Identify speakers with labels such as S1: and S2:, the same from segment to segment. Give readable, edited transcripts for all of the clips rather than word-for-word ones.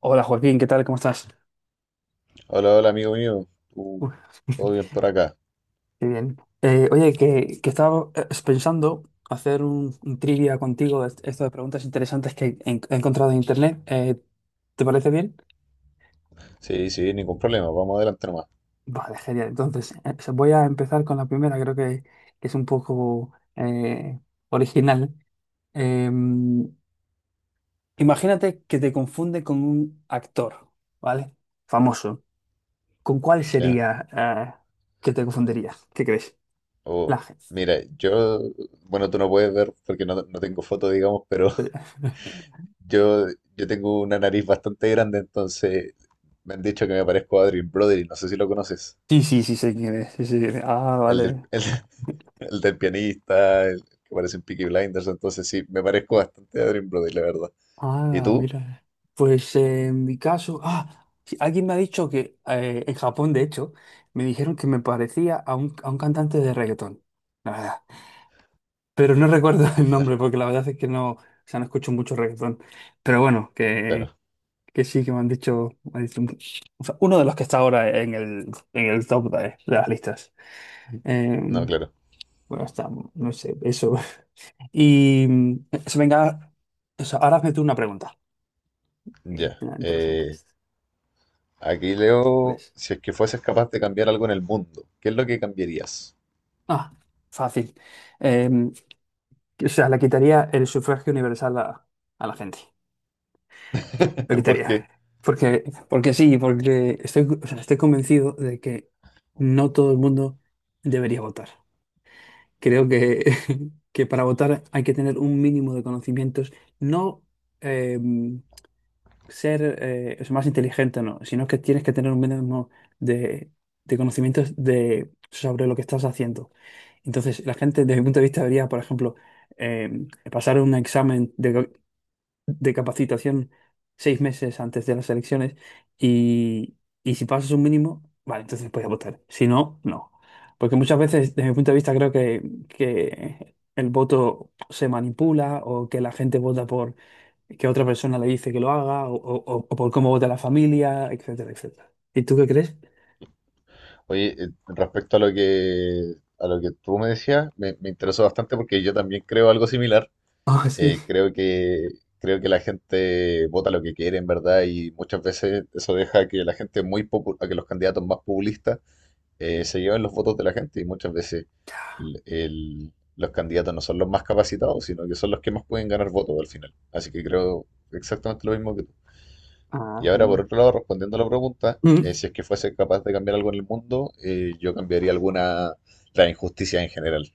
S1: Hola, Joaquín, ¿qué tal? ¿Cómo estás?
S2: Hola, hola, amigo mío. Uh,
S1: Uf.
S2: todo bien por acá.
S1: Qué bien. Oye, que estaba pensando hacer un trivia contigo, esto de preguntas interesantes que he encontrado en internet. ¿Te parece bien?
S2: Sí, sí, ningún problema. Vamos adelante nomás.
S1: Vale, genial. Entonces, voy a empezar con la primera, creo que es un poco original. Em, imagínate que te confunde con un actor, ¿vale? Famoso. ¿Con cuál
S2: Ya.
S1: sería que te confundiría? ¿Qué crees? La
S2: Oh,
S1: gente.
S2: mira, yo, bueno, tú no puedes ver porque no tengo foto, digamos, pero yo, yo tengo una nariz bastante grande, entonces me han dicho que me parezco a Adrien Brody. No sé si lo conoces.
S1: Sí, sí, sí sé quién es. Sí, sí. Ah,
S2: El del,
S1: vale.
S2: el, el del pianista, el que parece en Peaky Blinders. Entonces sí, me parezco bastante a Adrien Brody, la verdad. ¿Y
S1: Ah,
S2: tú?
S1: mira. Pues, en mi caso, ah, sí, alguien me ha dicho que en Japón, de hecho, me dijeron que me parecía a a un cantante de reggaetón, la verdad. Pero no recuerdo
S2: A
S1: el
S2: ver,
S1: nombre porque la verdad es que no, o sea, no escucho mucho reggaetón. Pero bueno, que,
S2: claro.
S1: que sí, que me han dicho o sea, uno de los que está ahora en en el top de las listas. Eh,
S2: No, claro.
S1: bueno, está, no sé, eso. Y mm, se venga, o sea, ahora hazme tú una pregunta. Eh,
S2: Ya.
S1: Interesante
S2: Aquí leo,
S1: ¿Ves?
S2: si es que fueses capaz de cambiar algo en el mundo, ¿qué es lo que cambiarías?
S1: Ah, fácil. Eh, o sea, le quitaría el sufragio universal a la gente. Le quitaría.
S2: Porque,
S1: Porque, porque sí, porque estoy, o sea, estoy convencido de que no todo el mundo debería votar. Creo que, que para votar hay que tener un mínimo de conocimientos, no, eh, ser es más inteligente, no, sino que tienes que tener un mínimo de, de conocimientos sobre lo que estás haciendo. Entonces, la gente, desde mi punto de vista, debería, por ejemplo, eh, pasar un examen de capacitación seis meses antes de las elecciones y, y si pasas un mínimo, vale, entonces puedes votar. Si no, no. Porque muchas veces, desde mi punto de vista, creo que el voto se manipula o que la gente vota por que otra persona le dice que lo haga, o por cómo vota la familia, etcétera, etcétera. ¿Y tú qué crees?
S2: oye, respecto a lo que tú me decías, me interesó bastante porque yo también creo algo similar.
S1: Ah, sí.
S2: Eh, creo que, creo que la gente vota lo que quiere, en verdad, y muchas veces eso deja que la gente muy popu- a que los candidatos más populistas se lleven los votos de la gente y muchas veces los candidatos no son los más capacitados, sino que son los que más pueden ganar votos al final. Así que creo exactamente lo mismo que tú.
S1: Ah,
S2: Y ahora, por
S1: bueno.
S2: otro lado, respondiendo a la pregunta,
S1: Mm.
S2: si es que fuese capaz de cambiar algo en el mundo, yo cambiaría alguna, la injusticia en general.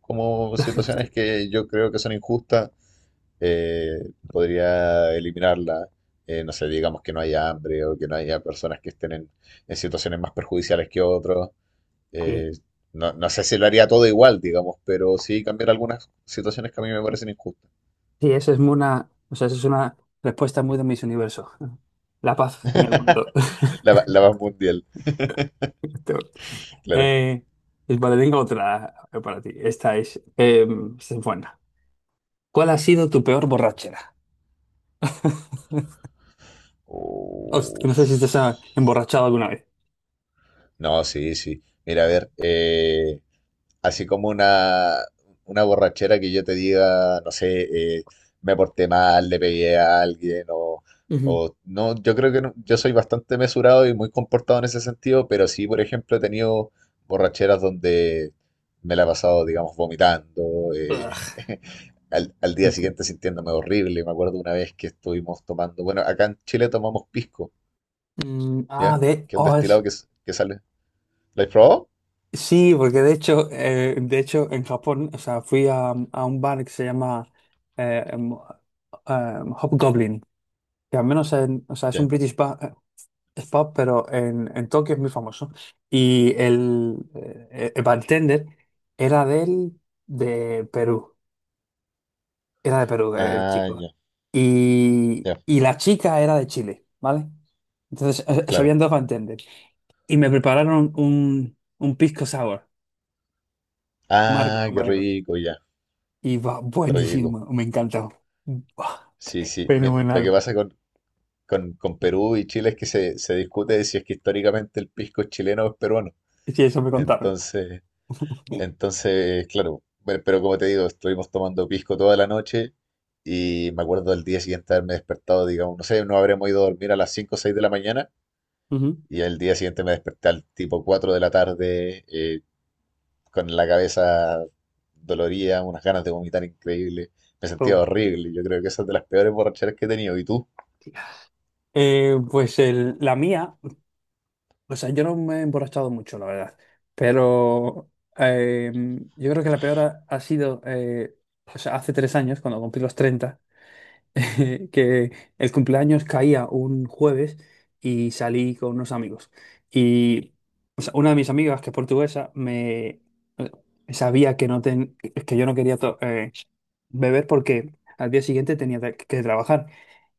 S2: Como
S1: la
S2: situaciones
S1: geostit-
S2: que yo creo que son injustas, podría eliminarla. No sé, digamos que no haya hambre o que no haya personas que estén en situaciones más perjudiciales que otros.
S1: Sí.
S2: Eh, no sé si lo haría todo igual, digamos, pero sí cambiar algunas situaciones que a mí me parecen injustas.
S1: Sí, o sea, eso es una respuesta muy de mis universo. La paz en el mundo.
S2: La más mundial,
S1: Tú.
S2: claro.
S1: Eh, pues vale, tengo otra para ti. Esta es buena. ¿Cuál ha sido tu peor borrachera? No
S2: Uf.
S1: sé si te has emborrachado alguna vez.
S2: No, sí, sí. Mira, a ver, así como una borrachera que yo te diga, no sé, me porté mal, le pegué a alguien
S1: Ujú.
S2: o no, yo creo que no, yo soy bastante mesurado y muy comportado en ese sentido, pero sí, por ejemplo, he tenido borracheras donde me la he pasado, digamos, vomitando,
S1: Ugh.
S2: al día siguiente sintiéndome horrible. Me acuerdo una vez que estuvimos tomando, bueno, acá en Chile tomamos pisco,
S1: Mm. Ah.
S2: ¿ya? Que es un destilado que, s- que sale. ¿Lo has probado?
S1: Sí, porque de hecho en Japón, o sea, fui a un bar que se llama eh, em, Hobgoblin, que al menos o sea, es un British pub, es pub, pero en Tokio es muy famoso. Y el bartender era de Perú, era de Perú, el
S2: Ah,
S1: chico.
S2: ya,
S1: Y,
S2: ya,
S1: y la chica era de Chile, ¿vale? Entonces, se
S2: claro.
S1: habían dos bartenders. Y me prepararon un pisco sour, amargo,
S2: Ah, qué
S1: amargo.
S2: rico, ya,
S1: Y va
S2: qué rico.
S1: buenísimo, me encantó. Buah,
S2: Sí, sí. Mira, lo que
S1: fenomenal.
S2: pasa con, con Perú y Chile es que se discute de si es que históricamente el pisco es chileno o es peruano.
S1: Sí, eso me contaron.
S2: Entonces, entonces, claro. Bueno, pero como te digo, estuvimos tomando pisco toda la noche y me acuerdo del día siguiente haberme despertado, digamos, no sé, no habremos ido a dormir a las 5 o 6 de la mañana
S1: Ujú.
S2: y al día siguiente me desperté al tipo 4 de la tarde, con la cabeza dolorida, unas ganas de vomitar increíble. Me sentía
S1: Oh,
S2: horrible. Yo creo que esa es de las peores borracheras que he tenido. ¿Y tú?
S1: tía. Pues la mía, o sea, yo no me he emborrachado mucho, la verdad, pero, eh, yo creo que la peor ha sido, o sea, hace 3 años, cuando cumplí los 30, que el cumpleaños caía un jueves y salí con unos amigos. Y, o sea, una de mis amigas, que es portuguesa, me eh, sabía que yo no quería beber porque al día siguiente tenía que trabajar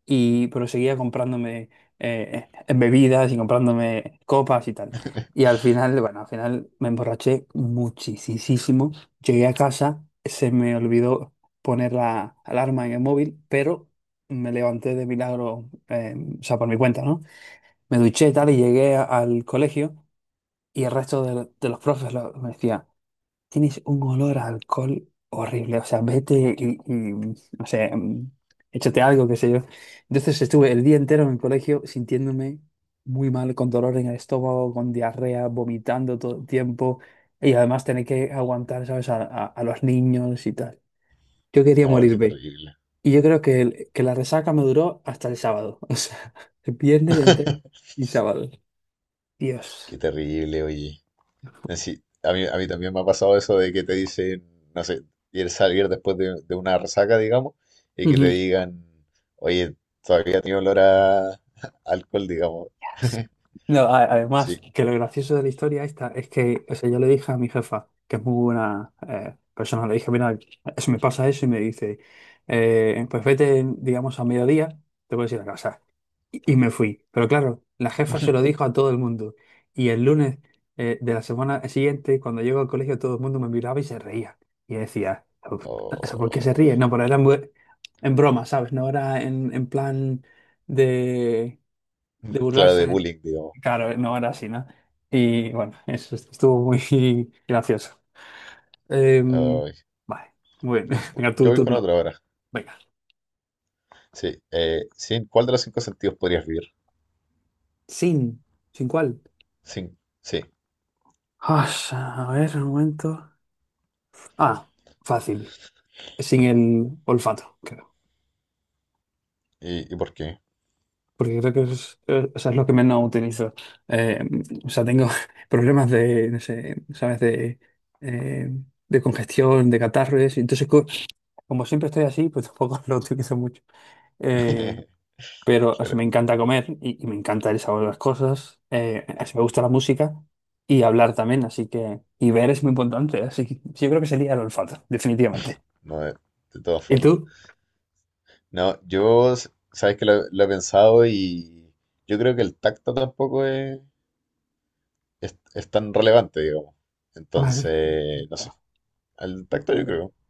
S1: y, pero seguía comprándome, bebidas y comprándome copas y tal. Y al final, bueno, al final me emborraché muchísimo. Llegué a casa, se me olvidó poner la alarma en el móvil, pero me levanté de milagro, o sea, por mi cuenta, ¿no? Me duché y tal y llegué al colegio y el resto de los profes me decía: tienes un olor a alcohol horrible. O sea, vete y, no sé, échate algo, qué sé yo. Entonces estuve el día entero en el colegio sintiéndome muy mal, con dolor en el estómago, con diarrea, vomitando todo el tiempo y además tener que aguantar, ¿sabes?, a los niños y tal. Yo quería
S2: No, qué
S1: morirme.
S2: terrible.
S1: Y yo creo que la resaca me duró hasta el sábado. O sea, el viernes entero y sábado.
S2: Qué
S1: Dios.
S2: terrible, oye. Sí, a mí también me ha pasado eso de que te dicen, no sé, ir salir después de, una resaca, digamos, y que te
S1: Ujú.
S2: digan, oye, todavía tiene olor a alcohol, digamos.
S1: Yes. No, además,
S2: Sí.
S1: que lo gracioso de la historia esta es que, o sea, yo le dije a mi jefa, que es muy buena, persona, le dije: mira, eso me pasa eso, y me dice: pues vete, digamos, a mediodía, te puedes ir a casa. Y me fui. Pero claro, la jefa se lo dijo a todo el mundo. Y el lunes, de la semana siguiente, cuando llego al colegio, todo el mundo me miraba y se reía. Y decía: "Uf, o sea, ¿por qué se
S2: O-
S1: ríe?". No, pero era en broma, ¿sabes? No era en plan de de
S2: claro, de
S1: burlarse.
S2: bullying, digamos.
S1: Claro, no era así, ¿no? Y bueno, estuvo muy gracioso. Em,
S2: Ay,
S1: vale, muy bien.
S2: no,
S1: Venga,
S2: yo
S1: tu
S2: voy con
S1: turno.
S2: otra ahora.
S1: Venga.
S2: Sí, sí, ¿cuál de los cinco sentidos podrías vivir?
S1: Sin. ¿Sin cuál?
S2: Sí, sí,
S1: Ah, a ver, un momento. Ah, fácil. Sin el olfato, creo.
S2: y por qué?
S1: Porque creo que es, o sea, es lo que menos utilizo. Eh, o sea, tengo problemas de, no sé, ¿sabes? Eh, de congestión, de catarro y eso. Entonces, como siempre estoy así, pues tampoco lo utilizo mucho. Eh, pero así me
S2: Pero
S1: encanta comer y me encanta el sabor de las cosas, así me gusta la música y hablar también, así que, y ver es muy importante, así que yo creo que sería el olfato, definitivamente.
S2: no, de todas
S1: ¿Y
S2: formas.
S1: tú?
S2: No, yo, sabes que lo he pensado y yo creo que el tacto tampoco es es tan relevante, digamos.
S1: Ay.
S2: Entonces, no sé, el tacto yo creo.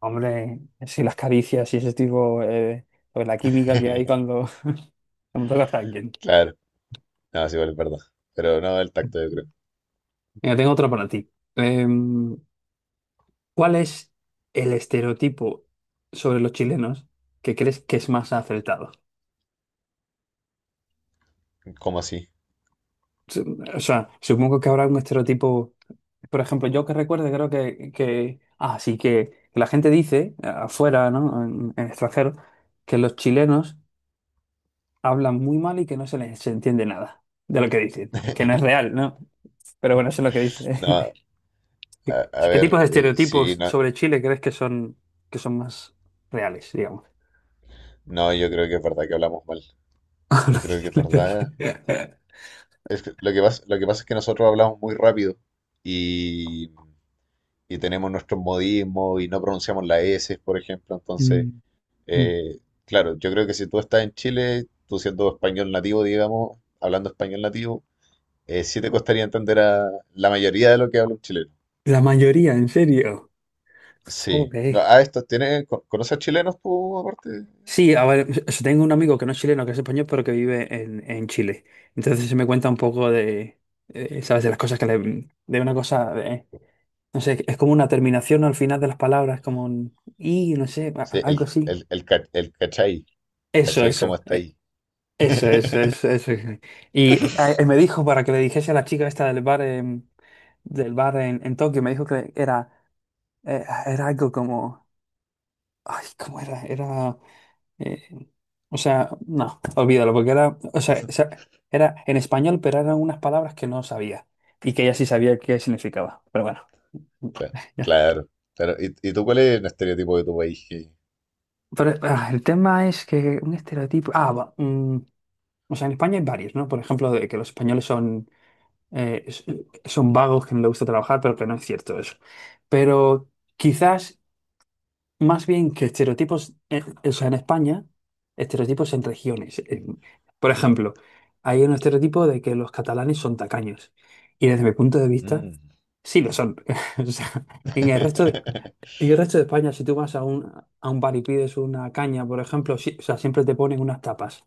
S1: Hombre, sí, las caricias y ese tipo, pues la química que hay cuando, cuando tocas a alguien.
S2: Claro, no, sí, igual es verdad. Pero no, el tacto yo creo.
S1: Mira, tengo otra para ti. Em, ¿cuál es el estereotipo sobre los chilenos que crees que es más acertado?
S2: ¿Cómo así?
S1: O sea, supongo que habrá un estereotipo. Por ejemplo, yo que recuerde, creo que así que la gente dice, afuera, ¿no? En extranjero, que los chilenos hablan muy mal y que no se les entiende nada de lo que dicen, que no es real, ¿no? Pero bueno, eso es lo que dice.
S2: No,
S1: ¿Qué
S2: a
S1: qué
S2: ver,
S1: tipos de
S2: sí,
S1: estereotipos
S2: no,
S1: sobre Chile crees que son más reales, digamos?
S2: no, yo creo que es verdad que hablamos mal. Yo creo que es verdad. Lo que pasa es que nosotros hablamos muy rápido y, tenemos nuestros modismos y no pronunciamos la S, por ejemplo. Entonces,
S1: Mm, mm.
S2: eh, claro, yo creo que si tú estás en Chile, tú siendo español nativo, digamos, hablando español nativo, sí te costaría entender a la mayoría de lo que habla un chileno.
S1: La mayoría, en serio.
S2: Sí. No,
S1: Joder.
S2: ah, esto tiene, ¿conoces chilenos tú aparte?
S1: Sí, a ver, yo tengo un amigo que no es chileno, que es español, pero que vive en Chile. Entonces se me cuenta un poco de, ¿sabes? De las cosas que le... De una cosa, no sé, es como una terminación al final de las palabras, como un... Y, no sé,
S2: Sí,
S1: algo así.
S2: el cachai.
S1: Eso,
S2: ¿Cachai cómo
S1: eso,
S2: está ahí?
S1: eso, eso, eso, eso. Y, me dijo para que le dijese a la chica esta del bar, del bar en Tokio, me dijo que era, era algo como... Ay, ¿cómo era? Era... Eh, o sea, no, olvídalo, porque era, o sea, era en español, pero eran unas palabras que no sabía y que ella sí sabía qué significaba. Pero bueno,
S2: Claro,
S1: ya.
S2: claro, claro. Y tú cuál es el estereotipo de tu país? Que...
S1: Pero, ah, el tema es que un estereotipo. Ah, va, o sea, en España hay varios, ¿no? Por ejemplo, de que los españoles son, eh, s- son vagos, que no les gusta trabajar, pero que no es cierto eso. Pero quizás más bien que estereotipos, o sea, en España, estereotipos en regiones. Por ejemplo, hay un estereotipo de que los catalanes son tacaños. Y desde mi punto de vista,
S2: Mm.
S1: sí lo son. O sea, en el resto de, en el resto de España, si tú vas a a un bar y pides una caña, por ejemplo, o sea, siempre te ponen unas tapas,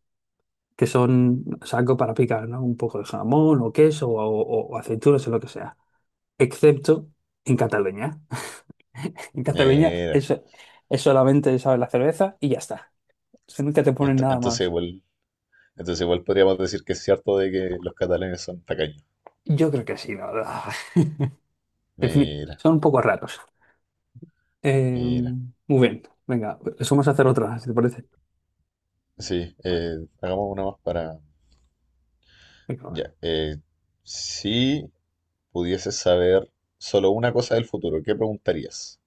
S1: que son, o sea, algo para picar, ¿no? Un poco de jamón o queso o aceitunas o lo que sea. Excepto en Cataluña. En Cataluña,
S2: Mira,
S1: eso es solamente, ¿sabes? La cerveza y ya está. O sea, nunca te ponen
S2: ent-
S1: nada
S2: entonces
S1: más.
S2: igual, entonces igual podríamos decir que es cierto de que los catalanes son tacaños.
S1: Yo creo que sí, la verdad.
S2: Mira,
S1: Son un poco raros. Eh,
S2: mira.
S1: muy bien. Venga, vamos a hacer otra, si te parece.
S2: Sí,
S1: Vale,
S2: hagamos una más para...
S1: venga, va.
S2: Ya, si pudieses saber solo una cosa del futuro, ¿qué preguntarías?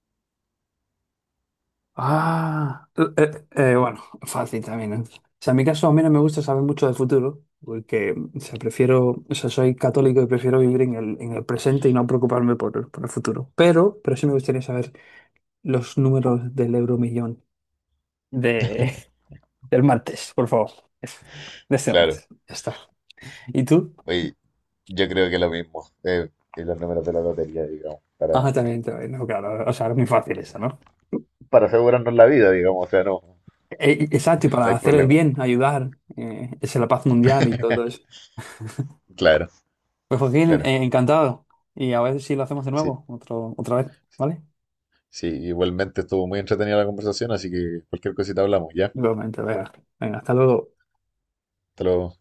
S1: Ah, bueno, fácil también. ¿Eh? O sea, en mi caso, a mí no me gusta saber mucho del futuro, porque, o sea, prefiero, o sea, soy católico y prefiero vivir en el presente y no preocuparme por el futuro. Pero sí me gustaría saber los números del euromillón de, del martes, por favor. Eso. De este
S2: Claro,
S1: martes. Ya está. ¿Y tú?
S2: oye, yo creo que lo mismo, que los números de la lotería, digamos,
S1: Ajá, también, también, no, claro, o sea, es muy fácil esa, ¿no?
S2: para asegurarnos la vida, digamos, o sea, no,
S1: Exacto, y
S2: no
S1: para
S2: hay
S1: hacer el
S2: problema.
S1: bien, ayudar, es la paz mundial y todo eso.
S2: Claro,
S1: Pues, Joaquín,
S2: claro,
S1: encantado. Y a ver si lo hacemos de
S2: sí.
S1: nuevo, otra vez, ¿vale?
S2: Sí, igualmente estuvo muy entretenida la conversación, así que cualquier cosita hablamos, ¿ya?
S1: Igualmente, venga, venga, hasta luego.
S2: Hasta luego.